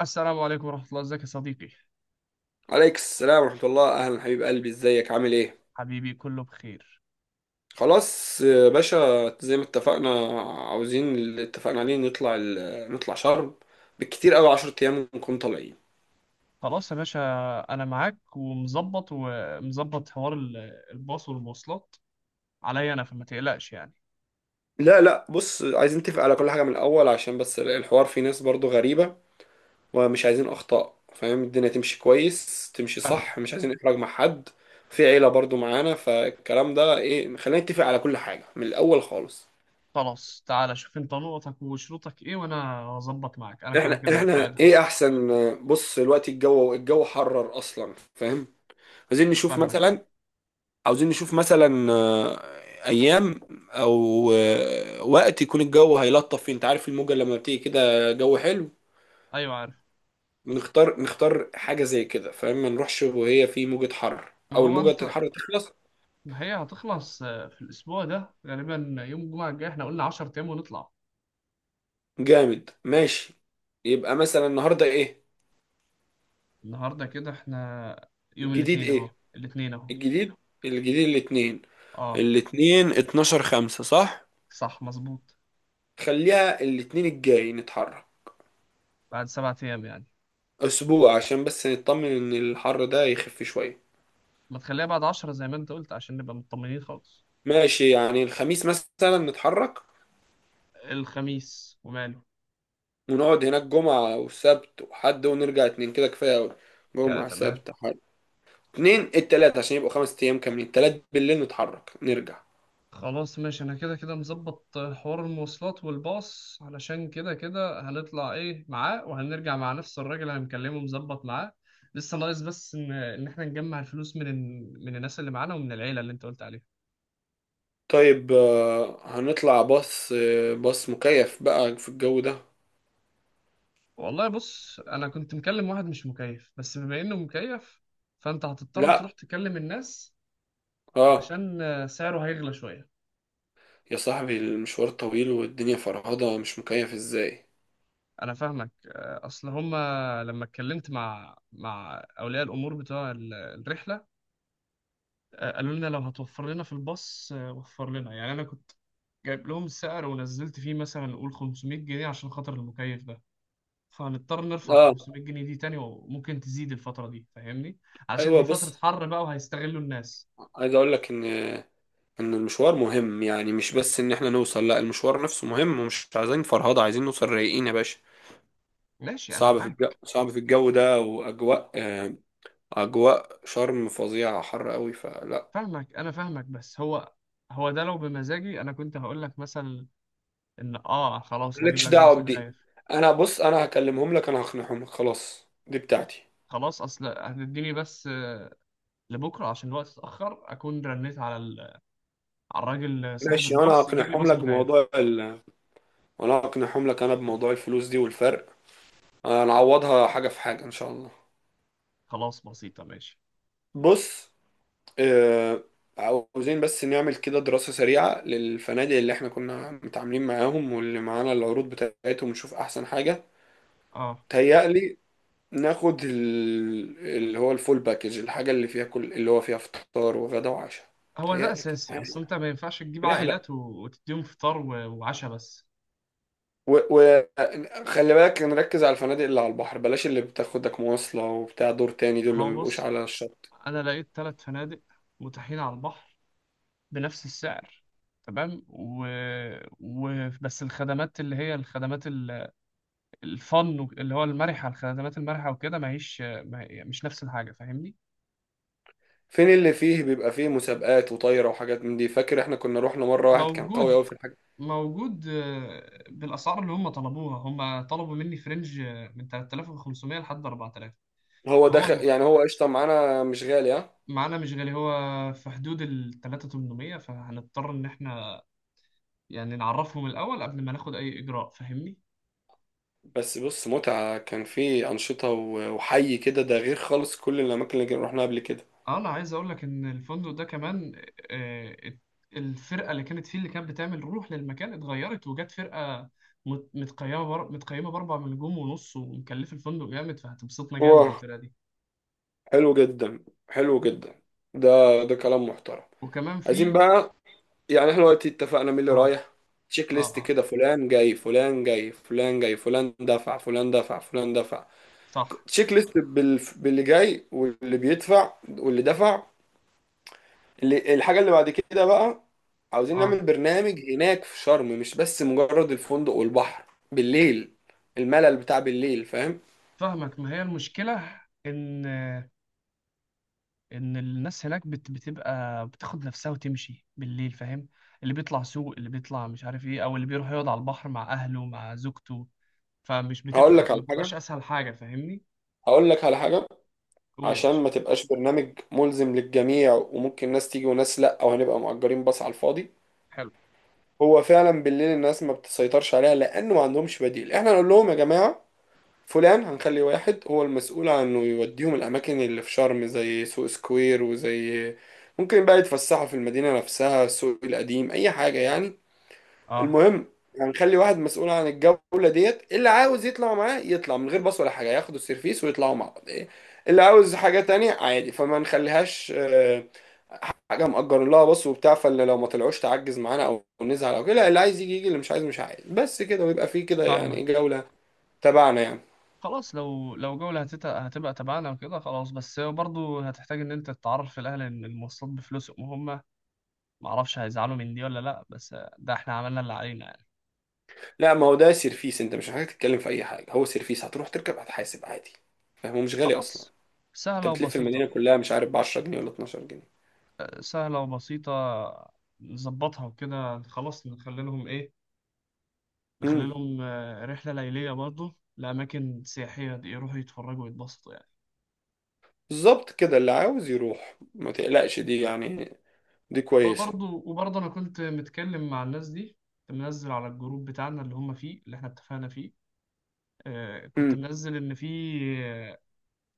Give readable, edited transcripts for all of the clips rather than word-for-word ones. السلام عليكم ورحمة الله، ازيك يا صديقي؟ عليك السلام ورحمة الله. أهلا حبيب قلبي، إزيك؟ عامل إيه؟ حبيبي، كله بخير. خلاص يا باشا، زي ما اتفقنا. عاوزين اللي اتفقنا عليه، نطلع نطلع شرم. بالكتير أوي 10 أيام ونكون طالعين. خلاص يا باشا، انا معاك ومظبط حوار الباص والمواصلات عليا انا، فما تقلقش يعني. لا لا، بص، عايزين نتفق على كل حاجة من الأول، عشان بس الحوار فيه ناس برضو غريبة، ومش عايزين أخطاء، فاهم؟ الدنيا تمشي كويس، تمشي صح، فاهمك. مش عايزين إحراج مع حد. في عيلة برضو معانا، فالكلام ده إيه، خلينا نتفق على كل حاجة من الأول خالص. خلاص، تعالى شوف انت نقطك وشروطك ايه، وانا هظبط معاك، انا كده احنا كده احنا قائدها. ايه احسن؟ بص دلوقتي الجو حرر اصلا، فاهم؟ عايزين نشوف فاهمك. مثلا عاوزين نشوف مثلا ايام، او وقت يكون الجو هيلطف فيه. انت عارف الموجة لما بتيجي كده جو حلو، ايوه، عارف. نختار حاجة زي كده، فاهم؟ ما نروحش وهي في موجة حر، ما او هو الموجة انت، الحر تخلص. ما هي هتخلص، في الاسبوع ده غالبا يوم الجمعة الجاي، احنا قلنا 10 ايام ونطلع. جامد، ماشي. يبقى مثلا النهاردة ايه النهارده كده احنا يوم الجديد؟ الاثنين ايه اهو، الاثنين اهو. الجديد؟ الجديد الاتنين اه. الاتنين 12 5، صح؟ صح، مظبوط. خليها الاتنين الجاي نتحرك. بعد سبعة ايام يعني؟ اسبوع عشان بس نطمن ان الحر ده يخف شوية. ما تخليها بعد 10 زي ما انت قلت، عشان نبقى مطمنين خالص. ماشي، يعني الخميس مثلا نتحرك، الخميس وماله. ونقعد هناك جمعة وسبت وحد، ونرجع اتنين، كده كفاية اوي. كا جمعة، تمام. سبت، حد، اتنين، التلات، عشان يبقوا خمس ايام كاملين. تلات بالليل نتحرك نرجع. خلاص ماشي، انا كده كده مظبط حوار المواصلات والباص، علشان كده كده هنطلع ايه معاه، وهنرجع مع نفس الراجل اللي هنكلمه، مظبط معاه. لسه ناقص بس ان احنا نجمع الفلوس من الناس اللي معانا، ومن العيله اللي انت قلت عليها. طيب، هنطلع باص مكيف بقى في الجو ده. والله بص، انا كنت مكلم واحد مش مكيف، بس بما انه مكيف فانت هتضطر تروح لا، تكلم الناس، اه. علشان سعره هيغلى شويه. يا صاحبي المشوار طويل والدنيا فرهضة، مش مكيف ازاي؟ انا فاهمك، اصل هما لما اتكلمت مع اولياء الامور بتوع الرحله، قالوا لنا لو هتوفر لنا في الباص وفر لنا يعني. انا كنت جايب لهم السعر، ونزلت فيه مثلا نقول 500 جنيه عشان خاطر المكيف ده. فهنضطر نرفع ال اه، 500 جنيه دي تاني، وممكن تزيد الفتره دي فاهمني. عشان ايوه. دي فتره بص، حر بقى، وهيستغلوا الناس. عايز اقول لك ان المشوار مهم، يعني مش بس ان احنا نوصل، لا، المشوار نفسه مهم، ومش عايزين فرهضة، عايزين نوصل رايقين يا باشا. ماشي، انا صعب في الجو، معاك. صعب في الجو ده، واجواء آه، اجواء شرم فظيعة، حر قوي، فلا. فاهمك، انا فاهمك، بس هو، هو ده لو بمزاجي انا كنت هقول لك مثلا ان اه خلاص، هجيب مالكش لك باص دعوة بدي. مكيف. انا بص، انا هكلمهم لك، انا هقنعهم لك، خلاص، دي بتاعتي. خلاص، اصل هتديني بس، لبكره عشان الوقت اتاخر اكون رنيت على الراجل صاحب ماشي، الباص يجيب لي باص مكيف. انا هقنعهم لك انا بموضوع الفلوس دي والفرق، هنعوضها حاجة في حاجة ان شاء الله. خلاص، بسيطه ماشي. بص، آه، عاوزين بس نعمل كده دراسة سريعة للفنادق اللي احنا كنا متعاملين معاهم، واللي معانا العروض بتاعتهم، ونشوف أحسن حاجة. اه. تهيألي ناخد اللي هو الفول باكج، الحاجة اللي فيها كل اللي هو فيها فطار وغدا وعشاء. هو ده تهيألي كده اساسي، اصل انت ما ينفعش تجيب رحلة. عائلات وتديهم فطار وعشاء بس. وخلي بالك نركز على الفنادق اللي على البحر، بلاش اللي بتاخدك مواصلة وبتاع دور تاني، دول ما اللي ما هو بيبقوش بص، على الشط. انا لقيت ثلاث فنادق متاحين على البحر بنفس السعر. تمام، بس الخدمات اللي هي الخدمات الفن اللي هو المرحه، الخدمات المرحه وكده، ما هيش ما... هي- مش نفس الحاجه فاهمني. فين اللي فيه بيبقى فيه مسابقات وطايرة وحاجات من دي؟ فاكر احنا كنا روحنا مرة واحد كان قوي قوي موجود، في. موجود بالاسعار اللي هم طلبوها، هم طلبوا مني في رينج، من 3500 لحد 4000. هو داخل فهو يعني، هو قشطة معانا، مش غالي، ها. معانا مش غالي، هو في حدود ال 3800. فهنضطر ان احنا يعني نعرفهم الاول قبل ما ناخد اي اجراء فاهمني. بس بص، متعة كان في أنشطة وحي كده، ده غير خالص كل الأماكن اللي رحنا قبل كده. انا عايز اقول لك ان الفندق ده كمان، آه، ات- الفرقه اللي كانت فيه، اللي كانت بتعمل روح للمكان، اتغيرت وجت فرقه متقيمه باربع نجوم ونص، ومكلفه الفندق جامد، فهتبسطنا جامد واه، الفرقه دي. حلو جدا، حلو جدا. ده، ده كلام محترم. وكمان عايزين في، بقى، يعني احنا دلوقتي اتفقنا مين اللي اه، رايح. تشيك اه، ليست اه، كده، فلان جاي، فلان جاي، فلان جاي، فلان دفع، فلان دفع، فلان دفع. صح، تشيك ليست باللي جاي، واللي بيدفع، واللي دفع. الحاجة اللي بعد كده بقى، عاوزين نعمل اه، برنامج هناك في شرم، مش بس مجرد الفندق والبحر. بالليل، الملل بتاع بالليل، فاهم؟ فاهمك. ما هي المشكلة ان الناس هناك بتبقى بتاخد نفسها وتمشي بالليل، فاهم. اللي بيطلع سوق، اللي بيطلع مش عارف ايه، او اللي بيروح يقعد على البحر مع اهله مع زوجته، فمش هقول بتبقى، لك ما على بتبقاش حاجة، اسهل حاجة فاهمني. هقول لك على حاجة قول يا عشان باشا. ما تبقاش برنامج ملزم للجميع، وممكن ناس تيجي وناس لا، او هنبقى مأجرين باص على الفاضي. حلو، هو فعلا بالليل الناس ما بتسيطرش عليها، لانه ما عندهمش بديل. احنا نقول لهم يا جماعة، فلان، هنخلي واحد هو المسؤول عن انه يوديهم الاماكن اللي في شرم زي سوق سكوير وزي. ممكن بقى يتفسحوا في المدينة نفسها، السوق القديم، اي حاجة يعني. اه، المهم، هنخلي واحد مسؤول عن الجولة ديت، اللي عاوز يطلع معاه يطلع، من غير باص ولا حاجة، ياخدوا السيرفيس ويطلعوا مع بعض إيه، اللي عاوز حاجة تانية عادي، فما نخليهاش حاجة مأجر لها باص وبتاع. فاللي لو ما طلعوش تعجز معانا او نزعل او كده، لا، اللي عايز يجي يجي، اللي مش عايز مش عايز، بس كده، ويبقى فيه كده يعني إيه، فاهمك. جولة تبعنا يعني. خلاص، لو جولة هتبقى تبعنا وكده خلاص، بس برضو هتحتاج ان انت تتعرف في الاهل ان المواصلات بفلوسهم هم. معرفش هيزعلوا من دي ولا لأ، بس ده احنا عملنا اللي علينا يعني. لا، ما هو ده سيرفيس، انت مش محتاج تتكلم في اي حاجه، هو سيرفيس، هتروح تركب، هتحاسب عادي، فاهم، مش غالي اصلا. خلاص. سهلة انت بتلف المدينه وبسيطة. كلها مش عارف ب 10 جنيه ولا 12 جنيه. سهلة وبسيطة، نظبطها وكده خلاص، نخلي لهم ايه، نخلي امم لهم رحلة ليلية برضو لأماكن سياحية، دي يروحوا يتفرجوا ويتبسطوا يعني. بالظبط كده، اللي عاوز يروح ما تقلقش دي يعني. دي كويسه. وبرضو أنا كنت متكلم مع الناس دي، كنت منزل على الجروب بتاعنا اللي هم فيه اللي احنا اتفقنا فيه. كنت امم منزل إن في آه،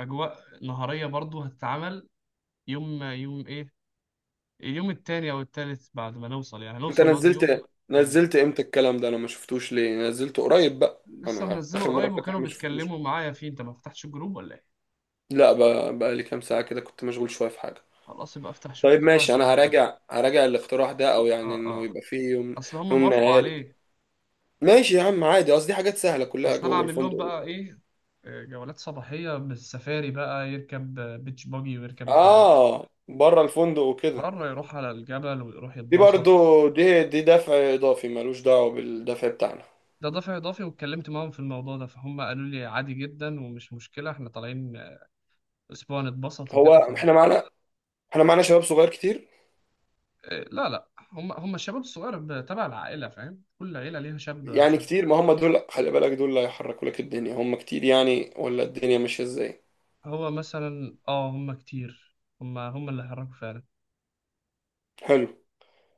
أجواء نهارية برضو هتتعمل. يوم يوم ايه، اليوم التاني او التالت بعد ما نوصل يعني، انت نوصل نقعد يوم نزلت، تاني. نزلت امتى الكلام ده؟ انا ما شفتوش، ليه؟ نزلته قريب بقى؟ لسه انا منزله اخر قريب، مره فاتح وكانوا ما شفتوش. بيتكلموا معايا فيه، انت ما فتحتش الجروب ولا ايه؟ لا بقى لي كام ساعه كده، كنت مشغول شويه في حاجه. خلاص، يبقى افتح شوف طيب كده ماشي، انا عشان. هراجع الاقتراح ده، او يعني اه، انه اه. يبقى فيه يوم، اصل هم يوم موافقوا نهاري. عليه. ماشي يا عم، عادي، قصدي حاجات سهلة كلها اصل انا جوه عامل لهم الفندق. بقى ايه، جولات صباحية بالسفاري، بقى يركب بيتش باجي، ويركب اه، بره الفندق وكده. بره، يروح على الجبل ويروح دي برضو، يتبسط. دي دفع اضافي ملوش دعوة بالدفع بتاعنا. ده دافع إضافي، واتكلمت معاهم في الموضوع ده فهم قالوا لي عادي جدا، ومش مشكلة، احنا طالعين أسبوع نتبسط هو وكده. احنا معانا، احنا معانا شباب صغير كتير. لا، لا، هم هم الشباب الصغير تبع العائلة، فاهم. كل عيلة ليها شاب أو يعني شاب. كتير، ما هم دول خلي بالك، دول اللي هيحركوا لك الدنيا، هم كتير يعني، ولا الدنيا ماشية ازاي؟ هو مثلا اه، هم كتير، هم هم اللي حركوا فعلا، حلو.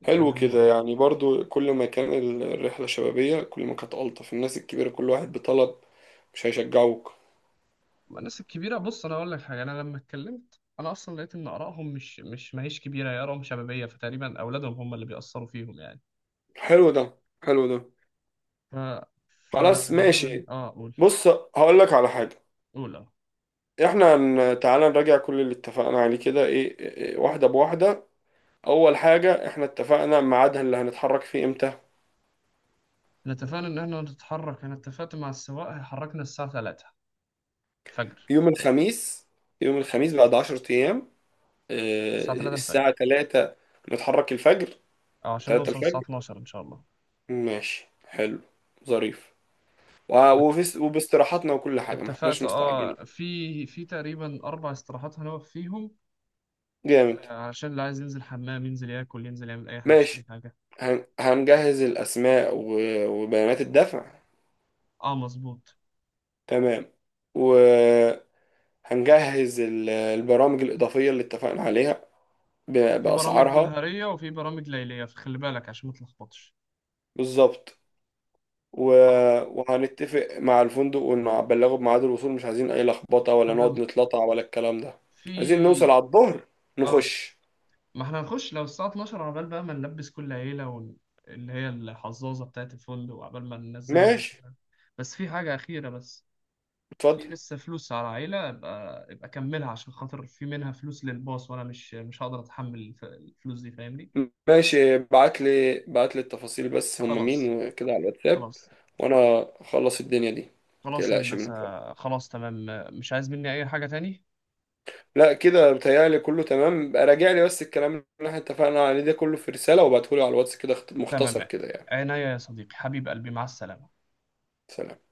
يعني حلو هم كده، اه. يعني برضو كل ما كان الرحلة شبابية كل ما كانت ألطف. الناس الكبيرة كل واحد بطلب، مش هيشجعوك. أما الناس الكبيرة بص، أنا أقول لك حاجة. أنا لما اتكلمت، أنا أصلا لقيت إن آرائهم مش مش ما هيش كبيرة، هي آرائهم شبابية، فتقريبا أولادهم هم اللي بيأثروا فيهم يعني. حلو ده حلو ده. ف خلاص فغالبا ماشي. اه، قول، بص، هقول لك على حاجة. قول اه. احنا تعالى نراجع كل اللي اتفقنا عليه كده، ايه إيه، واحدة بواحدة. اول حاجة، احنا اتفقنا ميعادها اللي هنتحرك فيه امتى. احنا اتفقنا إن احنا نتحرك، أنا اتفقت مع السواق هيحركنا الساعة 3 الفجر، يوم الخميس يوم الخميس بعد 10 الساعة ايام. اه، 3 الساعة الفجر، 3 نتحرك الفجر. اه، عشان 3 نوصل الساعة الفجر، 12 إن شاء الله. ماشي، حلو، ظريف. وفي وباستراحاتنا وكل حاجة، ما احناش اتفقت مستعجلين. اه، في تقريبا اربع استراحات هنقف فيهم، جامد، علشان اللي عايز ينزل حمام، ينزل ياكل، ينزل يعمل اي حاجه يشتري ماشي. حاجه. هنجهز الاسماء وبيانات الدفع. اه، مظبوط. تمام. و... هنجهز البرامج الإضافية اللي اتفقنا عليها في برامج بأسعارها. نهاريه وفي برامج ليليه، فخلي بالك عشان ما تلخبطش. بالظبط. خلاص، وهنتفق مع الفندق ونبلغه بميعاد الوصول، مش عايزين أي لخبطة، ولا تمام. نقعد نتلطع، ولا الكلام ده. عايزين نوصل في على الظهر اه، نخش. ما احنا هنخش لو الساعه 12 عبال بقى ما نلبس كل عيله، اللي هي الحظاظه بتاعت الفندق وعبال ما ننزلهم. ماشي، بس في حاجه اخيره بس. في اتفضل. لسه فلوس على عيلة، يبقى كملها عشان خاطر في منها فلوس للباص، وانا مش هقدر اتحمل الفلوس دي فاهمني. ماشي، بعت لي التفاصيل، بس هم مين خلاص. وكده، على الواتساب، خلاص. وأنا أخلص الدنيا دي، خلاص يا متقلقش هندسة. منها. خلاص، تمام. مش عايز مني اي حاجة تاني. لا، كده بتهيألي كله تمام. بقى راجع لي بس الكلام اللي احنا اتفقنا عليه ده كله في رسالة، وابعتهولي على الواتس كده مختصر تمام. كده يعني. عناية يا صديقي، حبيب قلبي، مع السلامة. سلام.